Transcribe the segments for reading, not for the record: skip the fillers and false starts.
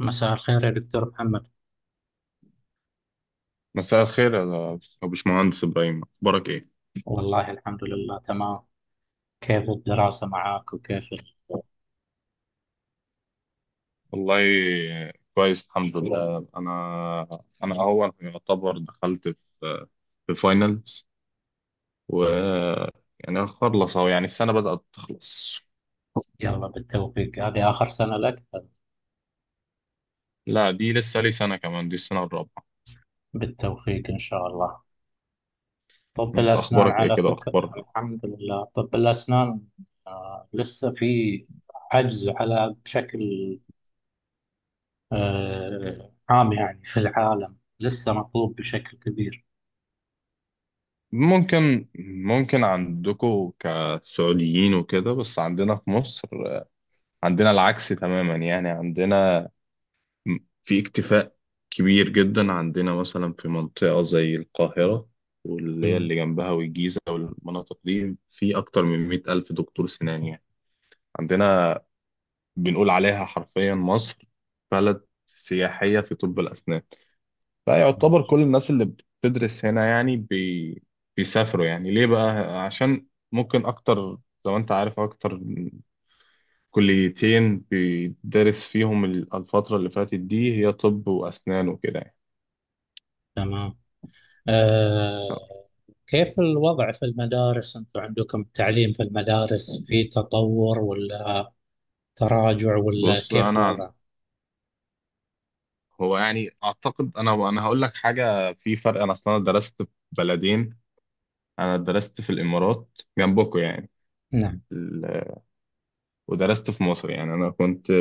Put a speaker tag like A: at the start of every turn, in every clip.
A: مساء الخير يا دكتور محمد.
B: مساء الخير يا باشمهندس إبراهيم، أخبارك إيه؟
A: والله الحمد لله تمام. كيف الدراسة معك وكيف
B: والله كويس الحمد لله. أنا أهو يعتبر دخلت في في فاينلز، و يعني خلص أهو، يعني السنة بدأت تخلص.
A: يلا بالتوفيق، هذه آخر سنة لك.
B: لا دي لسه لي سنة كمان، دي السنة الرابعة.
A: بالتوفيق إن شاء الله. طب
B: أنت
A: الأسنان
B: أخبارك إيه
A: على
B: كده،
A: فكرة
B: أخبار؟
A: الحمد لله طب الأسنان لسه في عجز على بشكل، عام يعني في العالم لسه مطلوب بشكل كبير.
B: ممكن ممكن عندكم كسعوديين وكده، بس عندنا في مصر عندنا العكس تماما. يعني عندنا في اكتفاء كبير جدا. عندنا مثلا في منطقة زي القاهرة واللي هي
A: مم.
B: اللي جنبها والجيزة والمناطق دي في أكتر من مئة ألف دكتور سنان يعني. عندنا بنقول عليها حرفيا مصر بلد سياحية في طب الأسنان. فيعتبر كل الناس اللي بتدرس هنا يعني بيسافروا، يعني ليه بقى؟ عشان ممكن أكتر، زي ما أنت عارف، أكتر كليتين بيدرس فيهم الفترة اللي فاتت دي هي طب وأسنان وكده يعني.
A: تمام. آه، كيف الوضع في المدارس؟ أنتم عندكم التعليم في المدارس في تطور ولا تراجع ولا
B: بص
A: كيف
B: انا،
A: وضع؟
B: هو يعني اعتقد، انا هقول لك حاجه، في فرق. انا اصلا درست في بلدين، انا درست في الامارات جنبكم يعني.
A: نعم.
B: ال- ودرست في مصر، يعني انا كنت،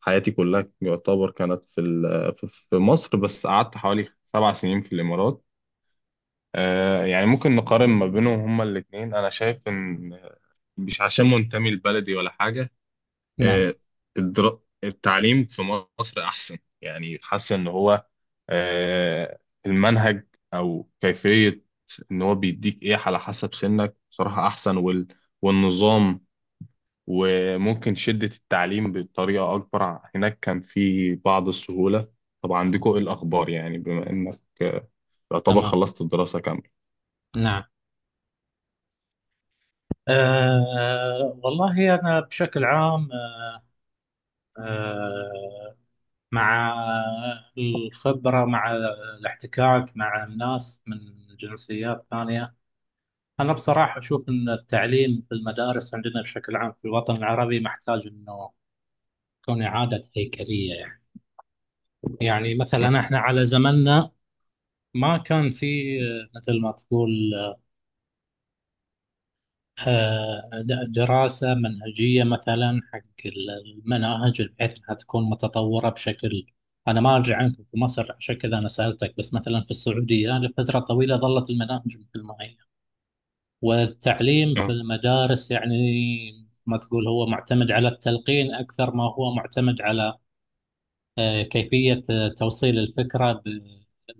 B: حياتي كلها يعتبر كانت في مصر، بس قعدت حوالي 7 سنين في الامارات. يعني ممكن نقارن ما بينهم هما الاثنين. انا شايف ان، مش عشان منتمي لبلدي ولا حاجه،
A: نعم.
B: آه، التعليم في مصر احسن. يعني حاسس ان هو، آه، المنهج او كيفيه ان هو بيديك ايه على حسب سنك، بصراحه احسن. والنظام، وممكن شده التعليم بطريقه اكبر. هناك كان في بعض السهوله. طب عندكم ايه الاخبار يعني، بما انك يعتبر
A: تمام.
B: خلصت الدراسه كامله؟
A: نعم. والله أنا بشكل عام، آه، مع الخبرة، مع الاحتكاك مع الناس من جنسيات ثانية، أنا بصراحة أشوف أن التعليم في المدارس عندنا بشكل عام في الوطن العربي محتاج أنه تكون إعادة هيكلية يعني. يعني مثلا احنا على زماننا ما كان في، مثل ما تقول، دراسة منهجية مثلا حق المناهج بحيث انها تكون متطورة بشكل. انا ما ادري عنكم في مصر عشان كذا انا سألتك، بس مثلا في السعودية لفترة طويلة ظلت المناهج مثل ما هي، والتعليم في المدارس يعني ما تقول هو معتمد على التلقين اكثر ما هو معتمد على، كيفية توصيل الفكرة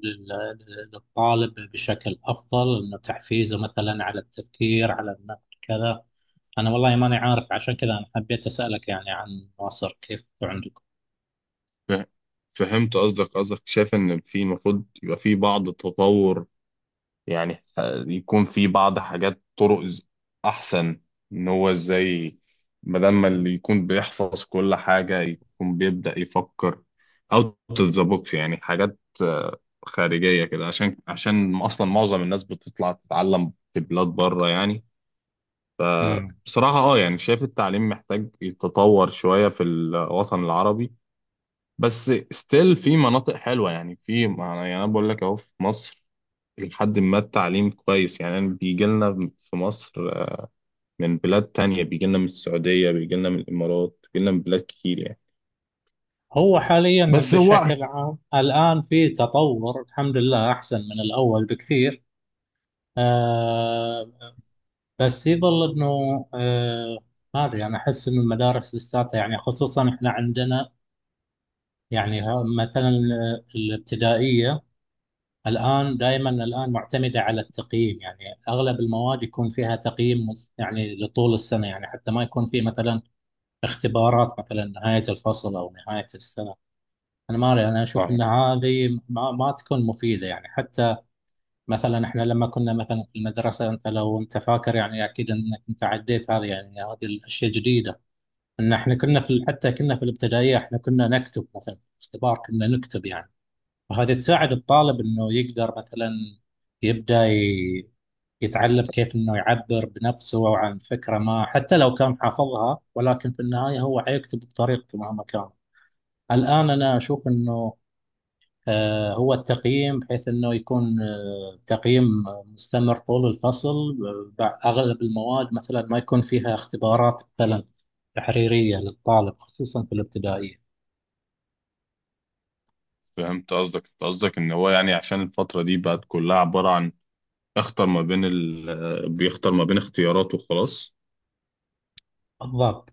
A: لل- للطالب بشكل أفضل، إنه تحفيزه مثلا على التفكير على النقد كذا. أنا والله ماني عارف عشان كذا أنا حبيت أسألك يعني عن مصر كيف عندكم.
B: آه، فهمت قصدك. شايف ان في المفروض يبقى في بعض التطور، يعني يكون في بعض حاجات، طرق احسن ان هو ازاي بدل ما اللي يكون بيحفظ كل حاجة يكون بيبدأ يفكر اوت اوف ذا بوكس. يعني حاجات خارجية كده، عشان اصلا معظم الناس بتطلع تتعلم في بلاد بره يعني.
A: مم.
B: بصراحة اه يعني شايف التعليم محتاج يتطور شوية في الوطن العربي، بس ستيل في مناطق حلوة يعني. في يعني انا بقول لك اهو، في مصر لحد ما التعليم كويس، يعني أنا بيجي لنا في مصر من بلاد تانية، بيجي لنا من السعودية، بيجي لنا من الإمارات، بيجي لنا من بلاد كتير يعني.
A: هو حاليا
B: بس هو،
A: بشكل عام الآن في تطور الحمد لله، أحسن من الأول بكثير. آه بس يظل أنه، ما أدري، أنا أحس أن المدارس لساتها، يعني خصوصا إحنا عندنا، يعني مثلا الابتدائية الآن دائما الآن معتمدة على التقييم يعني. أغلب المواد يكون فيها يعني لطول السنة، يعني حتى ما يكون في مثلا اختبارات مثلا نهاية الفصل أو نهاية السنة. أنا ما أدري، أنا أشوف
B: اه
A: أن هذه ما تكون مفيدة يعني. حتى مثلا إحنا لما كنا مثلا في المدرسة، أنت لو أنت فاكر يعني، أكيد أنك أنت عديت هذه، يعني هذه الأشياء جديدة. أن إحنا كنا في، حتى كنا في الابتدائية، إحنا كنا نكتب مثلا اختبار، كنا نكتب يعني. وهذه تساعد الطالب انه يقدر مثلا يبدا ي- يتعلم كيف انه يعبر بنفسه او عن فكره ما، حتى لو كان حافظها، ولكن في النهايه هو حيكتب بطريقته مهما كان. الان انا اشوف انه، هو التقييم بحيث انه يكون، تقييم مستمر طول الفصل. اغلب المواد مثلا ما يكون فيها اختبارات مثلا تحريريه للطالب خصوصا في الابتدائيه.
B: فهمت قصدك. انت قصدك ان هو يعني، عشان الفترة دي بقت كلها عبارة عن اختر ما بين ال... بيختار ما بين اختياراته وخلاص.
A: بالضبط.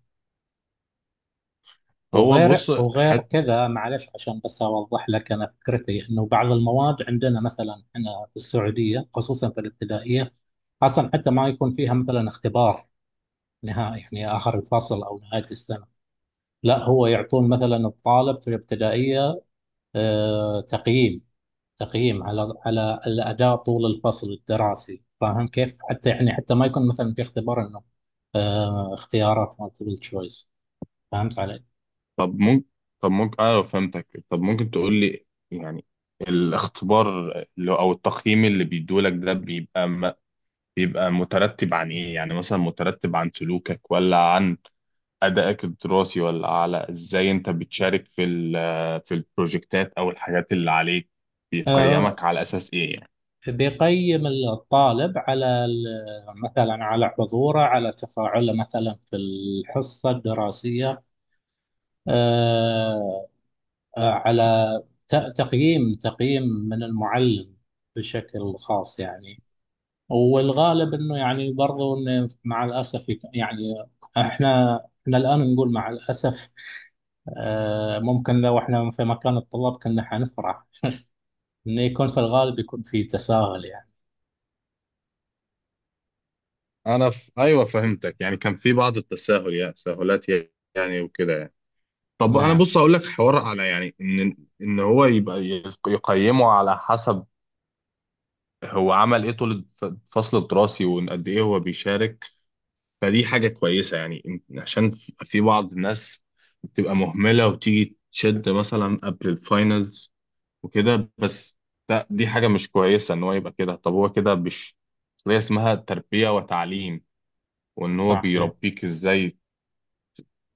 B: هو
A: وغير
B: بص،
A: وغير
B: حت...
A: كذا، معلش عشان بس اوضح لك انا فكرتي، انه بعض المواد عندنا مثلا هنا في السعوديه خصوصا في الابتدائيه اصلا حتى ما يكون فيها مثلا اختبار نهائي، يعني اخر الفصل او نهايه السنه. لا، هو يعطون مثلا الطالب في الابتدائيه، آه، تقييم تقييم على على الاداء طول الفصل الدراسي، فاهم كيف؟ حتى يعني حتى ما يكون مثلا في اختبار، انه اختيارات multiple choice، فهمت علي؟
B: طب ممكن طب ممكن اه، فهمتك. طب ممكن تقول لي يعني الاختبار او التقييم اللي بيدولك ده بيبقى، مترتب عن ايه يعني؟ مثلا مترتب عن سلوكك، ولا عن ادائك الدراسي، ولا على ازاي انت بتشارك في البروجكتات او الحاجات اللي عليك؟
A: آه،
B: بيقيمك على اساس ايه يعني؟
A: بيقيم الطالب على مثلا على حضوره، على تفاعله مثلا في الحصة الدراسية، آه، على تقييم من المعلم بشكل خاص يعني. والغالب انه يعني برضو إنه مع الاسف يعني احنا، احنا الان نقول مع الاسف، ممكن لو احنا في مكان الطلاب كنا حنفرح انه يكون، في الغالب يكون في تساهل يعني.
B: ايوه فهمتك. يعني كان في بعض التساهل، يعني تساهلات يعني وكده يعني. طب انا
A: نعم.
B: بص اقول لك حوار على يعني، ان ان هو يبقى يقيمه على حسب هو عمل ايه الفصل الدراسي، وان قد ايه هو بيشارك، فدي حاجة كويسة يعني. عشان في بعض الناس بتبقى مهملة وتيجي تشد مثلا قبل الفاينلز وكده، بس لا، دي حاجة مش كويسة إن هو يبقى كده. طب هو كده مش، أصل هي اسمها تربية وتعليم، وإن هو
A: صحيح.
B: بيربيك إزاي،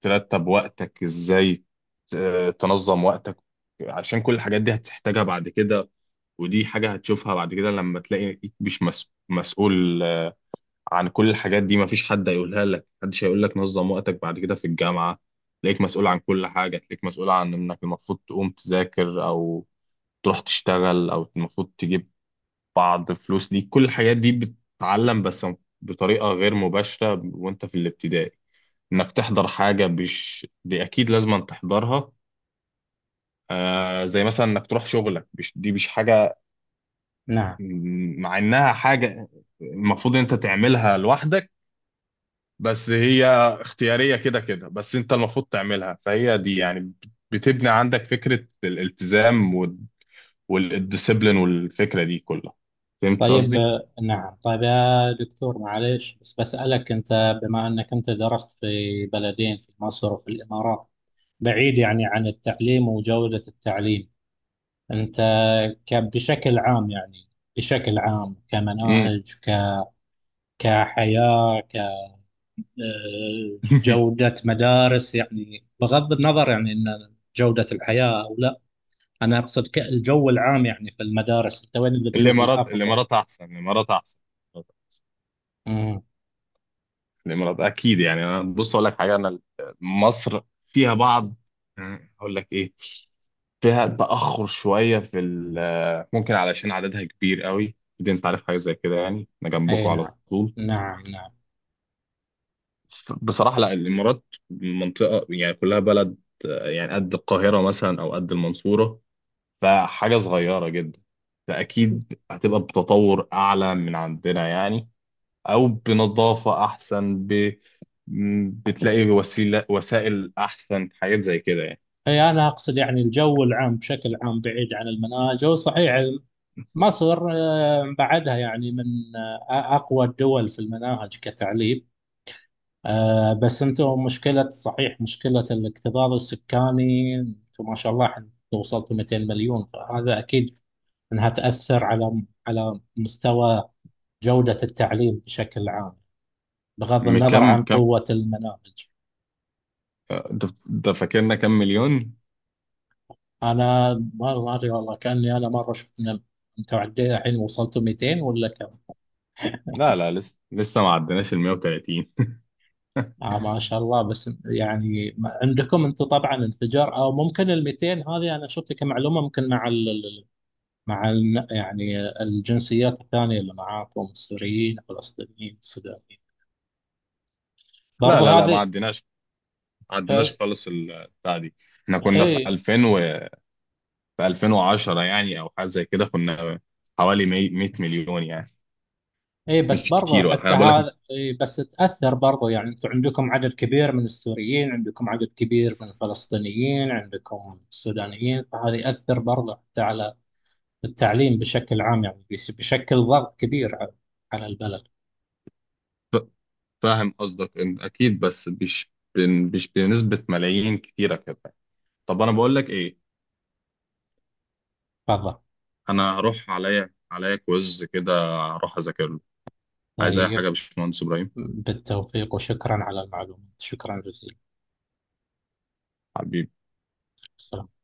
B: ترتب وقتك إزاي، تنظم وقتك، عشان كل الحاجات دي هتحتاجها بعد كده. ودي حاجة هتشوفها بعد كده لما تلاقيك مش مسؤول عن كل الحاجات دي. مفيش حد هيقولها لك، محدش هيقول لك نظم وقتك. بعد كده في الجامعة تلاقيك مسؤول عن كل حاجة، تلاقيك مسؤول عن انك المفروض تقوم تذاكر، او تروح تشتغل، او المفروض تجيب بعض فلوس. دي كل الحاجات دي بتتعلم، بس بطريقة غير مباشرة. وانت في الابتدائي انك تحضر حاجة، مش دي اكيد لازم تحضرها، آه زي مثلا انك تروح شغلك، مش دي مش حاجة
A: نعم.
B: مع انها حاجة المفروض انت تعملها لوحدك، بس هي اختيارية كده كده، بس انت المفروض تعملها. فهي دي يعني بتبني عندك فكرة الالتزام، والديسيبلين والفكرة دي كلها. فهمت
A: طيب
B: قصدي؟
A: نعم. طيب يا دكتور، معلش بس بسألك أنت، بما أنك أنت درست في بلدين، في مصر وفي الإمارات، بعيد يعني عن التعليم وجودة التعليم، أنت بشكل عام يعني، بشكل عام
B: امم
A: كمناهج، كحياة، كجودة مدارس، يعني بغض النظر يعني أن جودة الحياة أو لا، أنا أقصد الجو العام يعني في المدارس، أنت وين اللي تشوف
B: الامارات.
A: الأفضل؟
B: الامارات احسن.
A: امم
B: الامارات اكيد يعني. انا بص اقول لك حاجة، انا مصر فيها بعض، اقول لك ايه، فيها تأخر شوية ممكن علشان عددها كبير قوي. دي انت عارف حاجة زي كده يعني، انا
A: أي
B: جنبكم
A: نعم.
B: على طول.
A: نعم نعم.
B: بصراحة لا، الإمارات منطقة يعني كلها بلد، يعني قد القاهرة مثلا أو قد المنصورة، فحاجة صغيرة جدا، فأكيد هتبقى بتطور أعلى من عندنا يعني، أو بنظافة أحسن، بتلاقي وسائل أحسن، حاجات زي كده يعني.
A: اي انا اقصد يعني الجو العام بشكل عام بعيد عن المناجم صحيح. مصر بعدها يعني من، اقوى الدول في المناهج كتعليم، بس انتم مشكلة، صحيح مشكلة الاكتظاظ السكاني، انتم ما شاء الله وصلتوا 200 مليون، فهذا اكيد انها تأثر على مستوى جودة التعليم بشكل عام، بغض النظر عن
B: كم،
A: قوة المناهج.
B: ده فاكرنا كم مليون؟
A: انا ما ادري والله، كاني انا مره شفت إن انتوا عندنا الحين وصلتوا 200 ولا كم.
B: لا لا، لسه ما عدناش ال 130.
A: آه ما شاء الله، بس يعني عندكم انتم طبعا انفجار، او ممكن ال 200 هذه انا شفتها كمعلومه، ممكن مع مع ال يعني الجنسيات الثانيه اللي معاكم، السوريين الفلسطينيين السودانيين،
B: لا
A: برضو
B: لا لا ما
A: هذه،
B: عدناش، ما عدناش
A: آه،
B: خالص البتاع دي. احنا كنا في
A: اي.
B: 2000 و، في 2010 يعني او حاجه زي كده، كنا حوالي 100 مليون يعني.
A: اي بس
B: مش
A: برضو
B: كتير ولا حاجه
A: حتى
B: انا بقول لك.
A: هذا، اي بس تأثر برضو، يعني انتم عندكم عدد كبير من السوريين، عندكم عدد كبير من الفلسطينيين، عندكم السودانيين، فهذا يأثر برضو حتى على التعليم بشكل عام، يعني بشكل ضغط كبير على على البلد.
B: ف- فاهم قصدك. اكيد، بس مش مش بنسبه ملايين كتيره كده. طب انا بقول لك ايه،
A: تفضل.
B: انا هروح عليا كويز كده، هروح اذاكر له. عايز اي حاجه يا
A: طيب
B: باشمهندس ابراهيم؟
A: بالتوفيق، وشكرا على المعلومات، شكرا جزيلا.
B: حبيبي.
A: السلام.